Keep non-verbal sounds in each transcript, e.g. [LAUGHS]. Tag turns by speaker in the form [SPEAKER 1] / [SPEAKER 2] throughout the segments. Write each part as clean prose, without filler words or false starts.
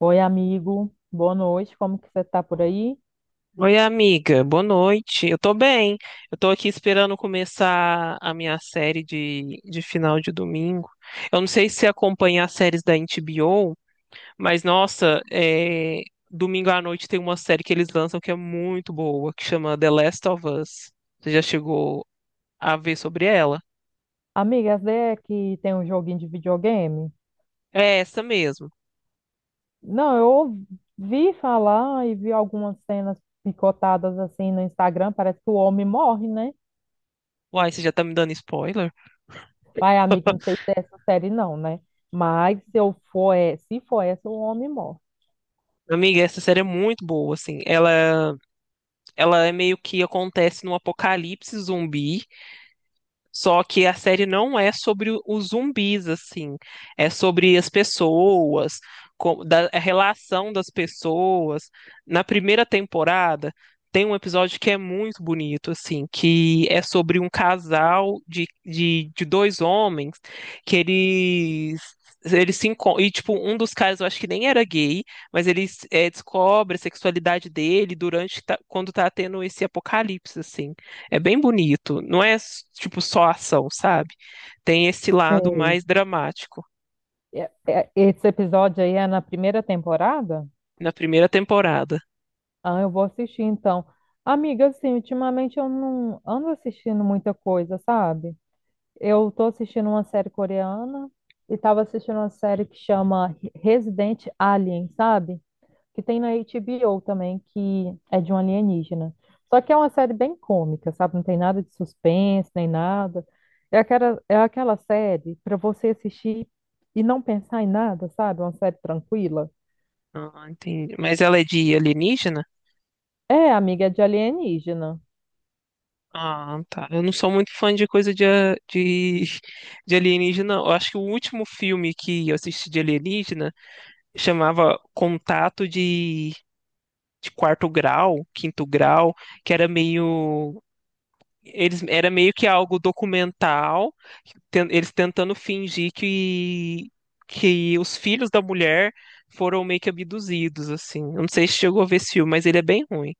[SPEAKER 1] Oi, amigo. Boa noite. Como que você tá por aí?
[SPEAKER 2] Oi, amiga, boa noite. Eu tô bem. Eu tô aqui esperando começar a minha série de final de domingo. Eu não sei se você acompanha as séries da HBO, mas nossa, domingo à noite tem uma série que eles lançam que é muito boa, que chama The Last of Us. Você já chegou a ver sobre ela?
[SPEAKER 1] Amiga, essa ideia é que tem um joguinho de videogame?
[SPEAKER 2] É essa mesmo.
[SPEAKER 1] Não, eu ouvi falar e vi algumas cenas picotadas assim no Instagram. Parece que o homem morre, né?
[SPEAKER 2] Uai, você já tá me dando spoiler?
[SPEAKER 1] Vai, amigo, não sei se é essa série não, né? Mas se eu for, é, se for essa, o homem morre.
[SPEAKER 2] Amiga, essa série é muito boa, assim. Ela é meio que acontece num apocalipse zumbi. Só que a série não é sobre os zumbis, assim. É sobre as pessoas, a relação das pessoas. Na primeira temporada, tem um episódio que é muito bonito, assim, que é sobre um casal de dois homens que eles. Eles se encon-. E, tipo, um dos caras, eu acho que nem era gay, mas ele descobre a sexualidade dele durante, quando tá tendo esse apocalipse, assim. É bem bonito. Não é tipo só ação, sabe? Tem esse lado
[SPEAKER 1] Sei.
[SPEAKER 2] mais dramático
[SPEAKER 1] Esse episódio aí é na primeira temporada?
[SPEAKER 2] na primeira temporada.
[SPEAKER 1] Ah, eu vou assistir então. Amiga, assim, ultimamente eu não ando assistindo muita coisa, sabe? Eu tô assistindo uma série coreana e tava assistindo uma série que chama Resident Alien, sabe? Que tem na HBO também, que é de um alienígena. Só que é uma série bem cômica, sabe? Não tem nada de suspense, nem nada. É aquela série para você assistir e não pensar em nada, sabe? Uma série tranquila.
[SPEAKER 2] Ah, entendi. Mas ela é de alienígena?
[SPEAKER 1] É, amiga, é de alienígena.
[SPEAKER 2] Ah, tá. Eu não sou muito fã de coisa de alienígena. Eu acho que o último filme que eu assisti de alienígena chamava Contato de quarto grau, quinto grau, que era meio, eles, era meio que algo documental, eles tentando fingir que os filhos da mulher foram meio que abduzidos, assim. Eu não sei se chegou a ver esse filme, mas ele é bem ruim.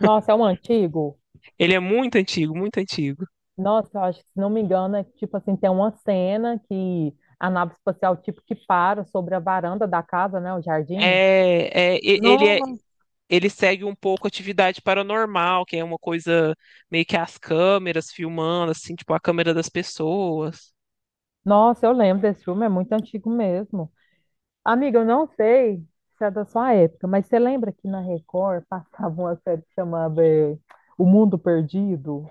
[SPEAKER 1] Nossa, é um antigo.
[SPEAKER 2] Ele é muito antigo, muito antigo.
[SPEAKER 1] Nossa, eu acho que, se não me engano, é que, tipo assim, tem uma cena que a nave espacial, tipo, que para sobre a varanda da casa, né, o jardim.
[SPEAKER 2] Ele
[SPEAKER 1] Não.
[SPEAKER 2] ele segue um pouco atividade paranormal, que é uma coisa meio que as câmeras filmando, assim, tipo a câmera das pessoas.
[SPEAKER 1] Nossa, eu lembro desse filme, é muito antigo mesmo. Amiga, eu não sei se é da sua época, mas você lembra que na Record [LAUGHS] passava uma série que chamava O Mundo Perdido?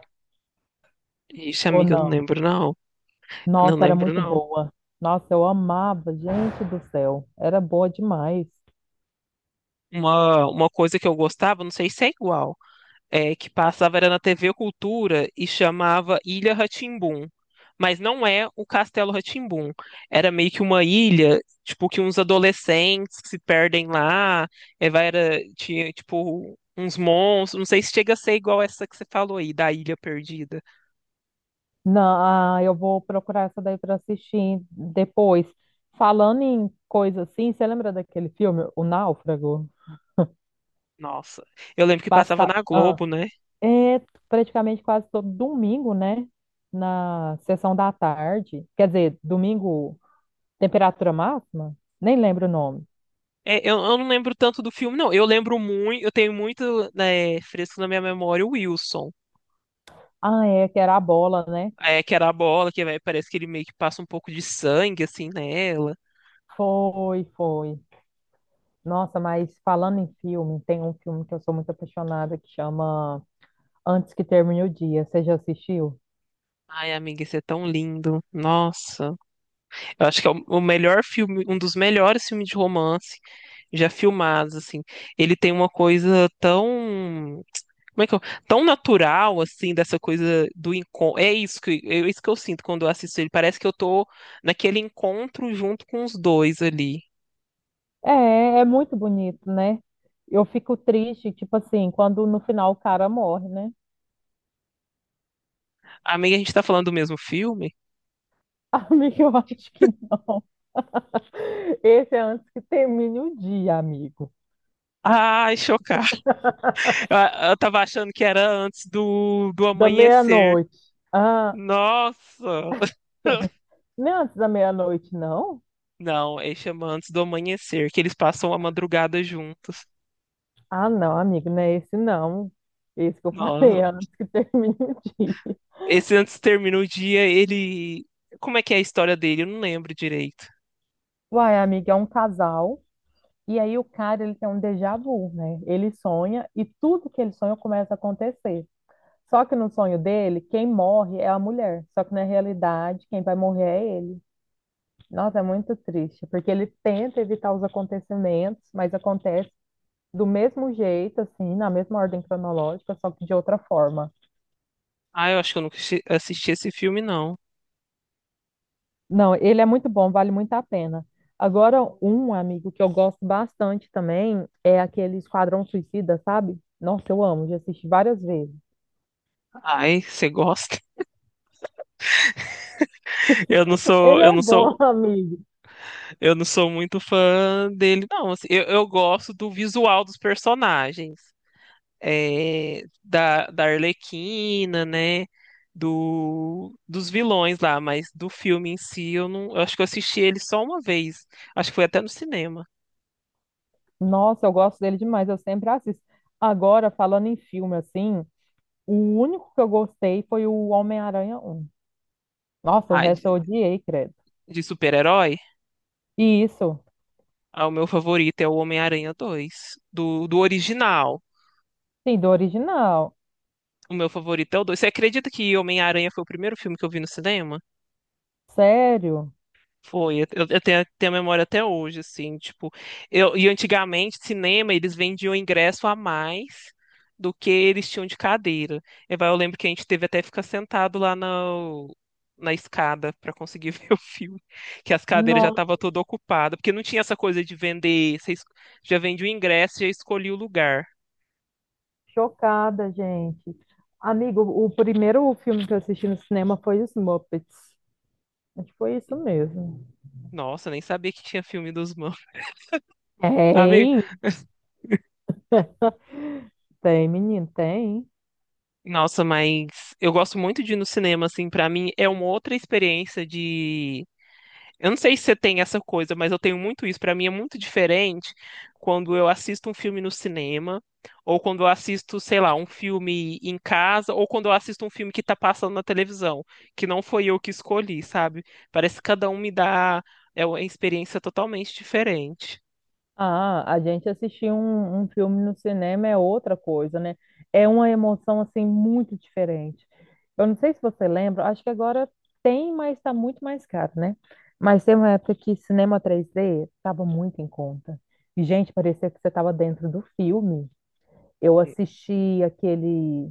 [SPEAKER 2] Ixi,
[SPEAKER 1] Ou
[SPEAKER 2] amiga, eu não
[SPEAKER 1] não?
[SPEAKER 2] lembro, não. Eu não
[SPEAKER 1] Nossa, era
[SPEAKER 2] lembro,
[SPEAKER 1] muito
[SPEAKER 2] não.
[SPEAKER 1] boa. Nossa, eu amava, gente do céu. Era boa demais.
[SPEAKER 2] Uma coisa que eu gostava, não sei se é igual. Que passava era na TV Cultura e chamava Ilha rá. Mas não é o Castelo rá. Era meio que uma ilha, tipo, que uns adolescentes que se perdem lá, vai, era, tinha, tipo, uns monstros. Não sei se chega a ser igual essa que você falou aí, da Ilha Perdida.
[SPEAKER 1] Não, ah, eu vou procurar essa daí para assistir depois. Falando em coisa assim, você lembra daquele filme, O Náufrago?
[SPEAKER 2] Nossa, eu lembro que passava
[SPEAKER 1] Passa,
[SPEAKER 2] na
[SPEAKER 1] ah,
[SPEAKER 2] Globo, né?
[SPEAKER 1] é praticamente quase todo domingo, né? Na sessão da tarde. Quer dizer, domingo, temperatura máxima? Nem lembro o nome.
[SPEAKER 2] É, eu não lembro tanto do filme, não. Eu lembro muito, eu tenho muito, né, fresco na minha memória o Wilson.
[SPEAKER 1] Ah, é, que era a bola, né?
[SPEAKER 2] É, que era a bola, que vai, parece que ele meio que passa um pouco de sangue, assim, nela.
[SPEAKER 1] Foi, foi. Nossa, mas falando em filme, tem um filme que eu sou muito apaixonada que chama Antes que Termine o Dia. Você já assistiu?
[SPEAKER 2] Ai, amiga, isso é tão lindo. Nossa. Eu acho que é o melhor filme, um dos melhores filmes de romance já filmados, assim. Ele tem uma coisa tão, como é que eu, tão natural, assim, dessa coisa do encontro. É isso que eu sinto quando eu assisto ele. Parece que eu tô naquele encontro junto com os dois ali.
[SPEAKER 1] É, é muito bonito, né? Eu fico triste, tipo assim, quando no final o cara morre, né?
[SPEAKER 2] Amiga, a gente tá falando do mesmo filme?
[SPEAKER 1] [LAUGHS] Amigo, eu acho que não. [LAUGHS] Esse é antes que termine o dia, amigo.
[SPEAKER 2] Ai, chocada. Eu, eu tava achando que era antes do
[SPEAKER 1] Da
[SPEAKER 2] amanhecer.
[SPEAKER 1] meia-noite. Ah,
[SPEAKER 2] Nossa! [LAUGHS]
[SPEAKER 1] não é antes da meia-noite, não?
[SPEAKER 2] Não, ele chama antes do amanhecer, que eles passam a madrugada juntos.
[SPEAKER 1] Ah, não, amigo, não é esse, não. Esse que eu [LAUGHS] falei,
[SPEAKER 2] Nossa,
[SPEAKER 1] é antes que termine o dia.
[SPEAKER 2] esse antes termina o dia, ele. Como é que é a história dele? Eu não lembro direito.
[SPEAKER 1] Uai, amigo, é um casal. E aí o cara, ele tem um déjà vu, né? Ele sonha e tudo que ele sonha começa a acontecer. Só que no sonho dele, quem morre é a mulher. Só que na realidade, quem vai morrer é ele. Nossa, é muito triste, porque ele tenta evitar os acontecimentos, mas acontece do mesmo jeito, assim, na mesma ordem cronológica, só que de outra forma.
[SPEAKER 2] Ah, eu acho que eu nunca assisti esse filme, não.
[SPEAKER 1] Não, ele é muito bom, vale muito a pena. Agora, um amigo que eu gosto bastante também é aquele Esquadrão Suicida, sabe? Nossa, eu amo, já assisti várias vezes.
[SPEAKER 2] Ai, você gosta? [LAUGHS] Eu não sou,
[SPEAKER 1] Ele
[SPEAKER 2] eu
[SPEAKER 1] é
[SPEAKER 2] não
[SPEAKER 1] bom, [LAUGHS]
[SPEAKER 2] sou,
[SPEAKER 1] amigo.
[SPEAKER 2] eu não sou muito fã dele, não. Assim, eu gosto do visual dos personagens, da Arlequina, né? Dos vilões lá, mas do filme em si, eu não, eu acho que eu assisti ele só uma vez. Acho que foi até no cinema.
[SPEAKER 1] Nossa, eu gosto dele demais, eu sempre assisto. Agora, falando em filme assim, o único que eu gostei foi o Homem-Aranha um. Nossa, o
[SPEAKER 2] Ah,
[SPEAKER 1] resto eu
[SPEAKER 2] de,
[SPEAKER 1] odiei, credo.
[SPEAKER 2] de super-herói?
[SPEAKER 1] E isso,
[SPEAKER 2] Ah, o meu favorito é o Homem-Aranha dois do original.
[SPEAKER 1] sim, do original.
[SPEAKER 2] O meu favorito é o dois. Você acredita que Homem-Aranha foi o primeiro filme que eu vi no cinema?
[SPEAKER 1] Sério?
[SPEAKER 2] Foi, eu tenho a memória até hoje, assim, tipo, e antigamente, cinema, eles vendiam ingresso a mais do que eles tinham de cadeira. Eu lembro que a gente teve até que ficar sentado lá na escada para conseguir [LAUGHS] ver o filme, que as cadeiras já
[SPEAKER 1] Nossa,
[SPEAKER 2] estavam todas ocupadas, porque não tinha essa coisa de vender, você já vende o ingresso, já escolhi o lugar.
[SPEAKER 1] chocada, gente. Amigo, o primeiro filme que eu assisti no cinema foi Os Muppets. Acho que foi isso mesmo.
[SPEAKER 2] Nossa, nem sabia que tinha filme dos mãos, [LAUGHS] sabe?
[SPEAKER 1] Tem, tem, menino, tem.
[SPEAKER 2] Nossa, mas eu gosto muito de ir no cinema, assim, para mim é uma outra experiência de. Eu não sei se você tem essa coisa, mas eu tenho muito isso. Para mim é muito diferente quando eu assisto um filme no cinema, ou quando eu assisto, sei lá, um filme em casa, ou quando eu assisto um filme que tá passando na televisão, que não foi eu que escolhi, sabe? Parece que cada um me dá é uma experiência totalmente diferente.
[SPEAKER 1] Ah, a gente assistir um filme no cinema é outra coisa, né? É uma emoção assim muito diferente. Eu não sei se você lembra, acho que agora tem, mas está muito mais caro, né? Mas tem uma época que cinema 3D estava muito em conta. E, gente, parecia que você estava dentro do filme. Eu
[SPEAKER 2] E-
[SPEAKER 1] assisti aquele.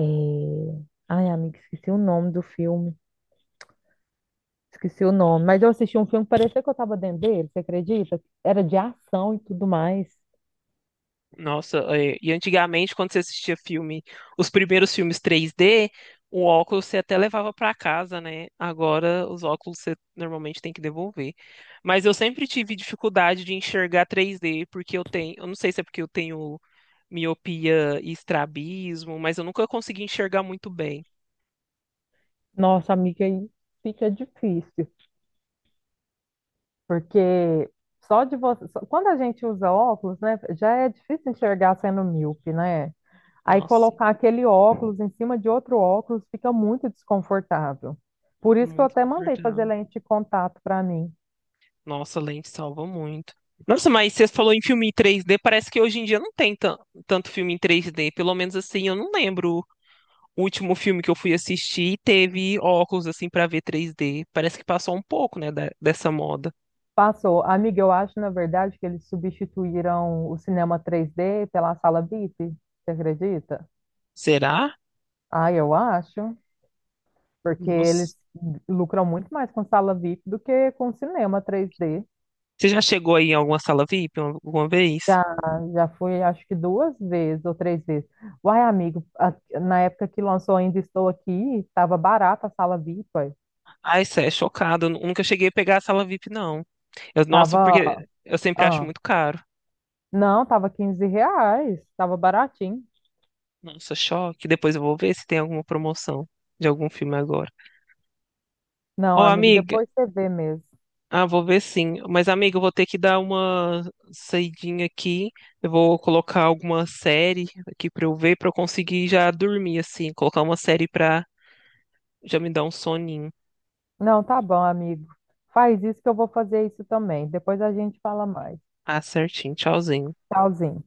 [SPEAKER 1] eh, Ai, amiga, esqueci o nome do filme. Esqueci o nome. Mas eu assisti um filme que parecia que eu estava dentro dele, você acredita? Era de ação e tudo mais.
[SPEAKER 2] Nossa, e antigamente, quando você assistia filme, os primeiros filmes 3D, o óculos você até levava para casa, né? Agora, os óculos você normalmente tem que devolver. Mas eu sempre tive dificuldade de enxergar 3D, porque eu tenho, eu não sei se é porque eu tenho miopia e estrabismo, mas eu nunca consegui enxergar muito bem.
[SPEAKER 1] Nossa, amiga, aí fica difícil, porque só de você. Só- Quando a gente usa óculos, né, já é difícil enxergar sendo míope, né? Aí
[SPEAKER 2] Nossa, sim,
[SPEAKER 1] colocar aquele óculos em cima de outro óculos fica muito desconfortável. Por
[SPEAKER 2] fico
[SPEAKER 1] isso que eu
[SPEAKER 2] muito
[SPEAKER 1] até mandei fazer
[SPEAKER 2] confortável.
[SPEAKER 1] lente de contato para mim.
[SPEAKER 2] Nossa, a lente salva muito. Nossa, mas você falou em filme em 3D, parece que hoje em dia não tem tanto filme em 3D, pelo menos assim, eu não lembro. O último filme que eu fui assistir teve óculos assim pra ver 3D. Parece que passou um pouco, né, dessa moda.
[SPEAKER 1] Passou. Amiga, eu acho, na verdade, que eles substituíram o cinema 3D pela sala VIP, você acredita?
[SPEAKER 2] Será?
[SPEAKER 1] Ah, eu acho, porque
[SPEAKER 2] Nossa.
[SPEAKER 1] eles lucram muito mais com sala VIP do que com cinema 3D.
[SPEAKER 2] Você já chegou aí em alguma sala VIP alguma vez?
[SPEAKER 1] Já, já fui, acho que duas vezes ou três vezes. Uai, amigo, na época que lançou Ainda Estou Aqui, estava barata a sala VIP. Ué.
[SPEAKER 2] Ai, isso é chocado. Eu nunca cheguei a pegar a sala VIP, não. Eu, nossa,
[SPEAKER 1] Tava,
[SPEAKER 2] porque eu sempre acho
[SPEAKER 1] ah,
[SPEAKER 2] muito caro.
[SPEAKER 1] não, tava R$ 15, tava baratinho.
[SPEAKER 2] Nossa, choque. Depois eu vou ver se tem alguma promoção de algum filme agora.
[SPEAKER 1] Não,
[SPEAKER 2] Ô,
[SPEAKER 1] amigo,
[SPEAKER 2] amiga.
[SPEAKER 1] depois você vê mesmo.
[SPEAKER 2] Ah, vou ver sim. Mas, amigo, eu vou ter que dar uma saidinha aqui. Eu vou colocar alguma série aqui pra eu ver, pra eu conseguir já dormir, assim. Colocar uma série pra já me dar um soninho.
[SPEAKER 1] Não, tá bom, amigo. Faz isso que eu vou fazer isso também. Depois a gente fala mais.
[SPEAKER 2] Ah, certinho. Tchauzinho.
[SPEAKER 1] Tchauzinho.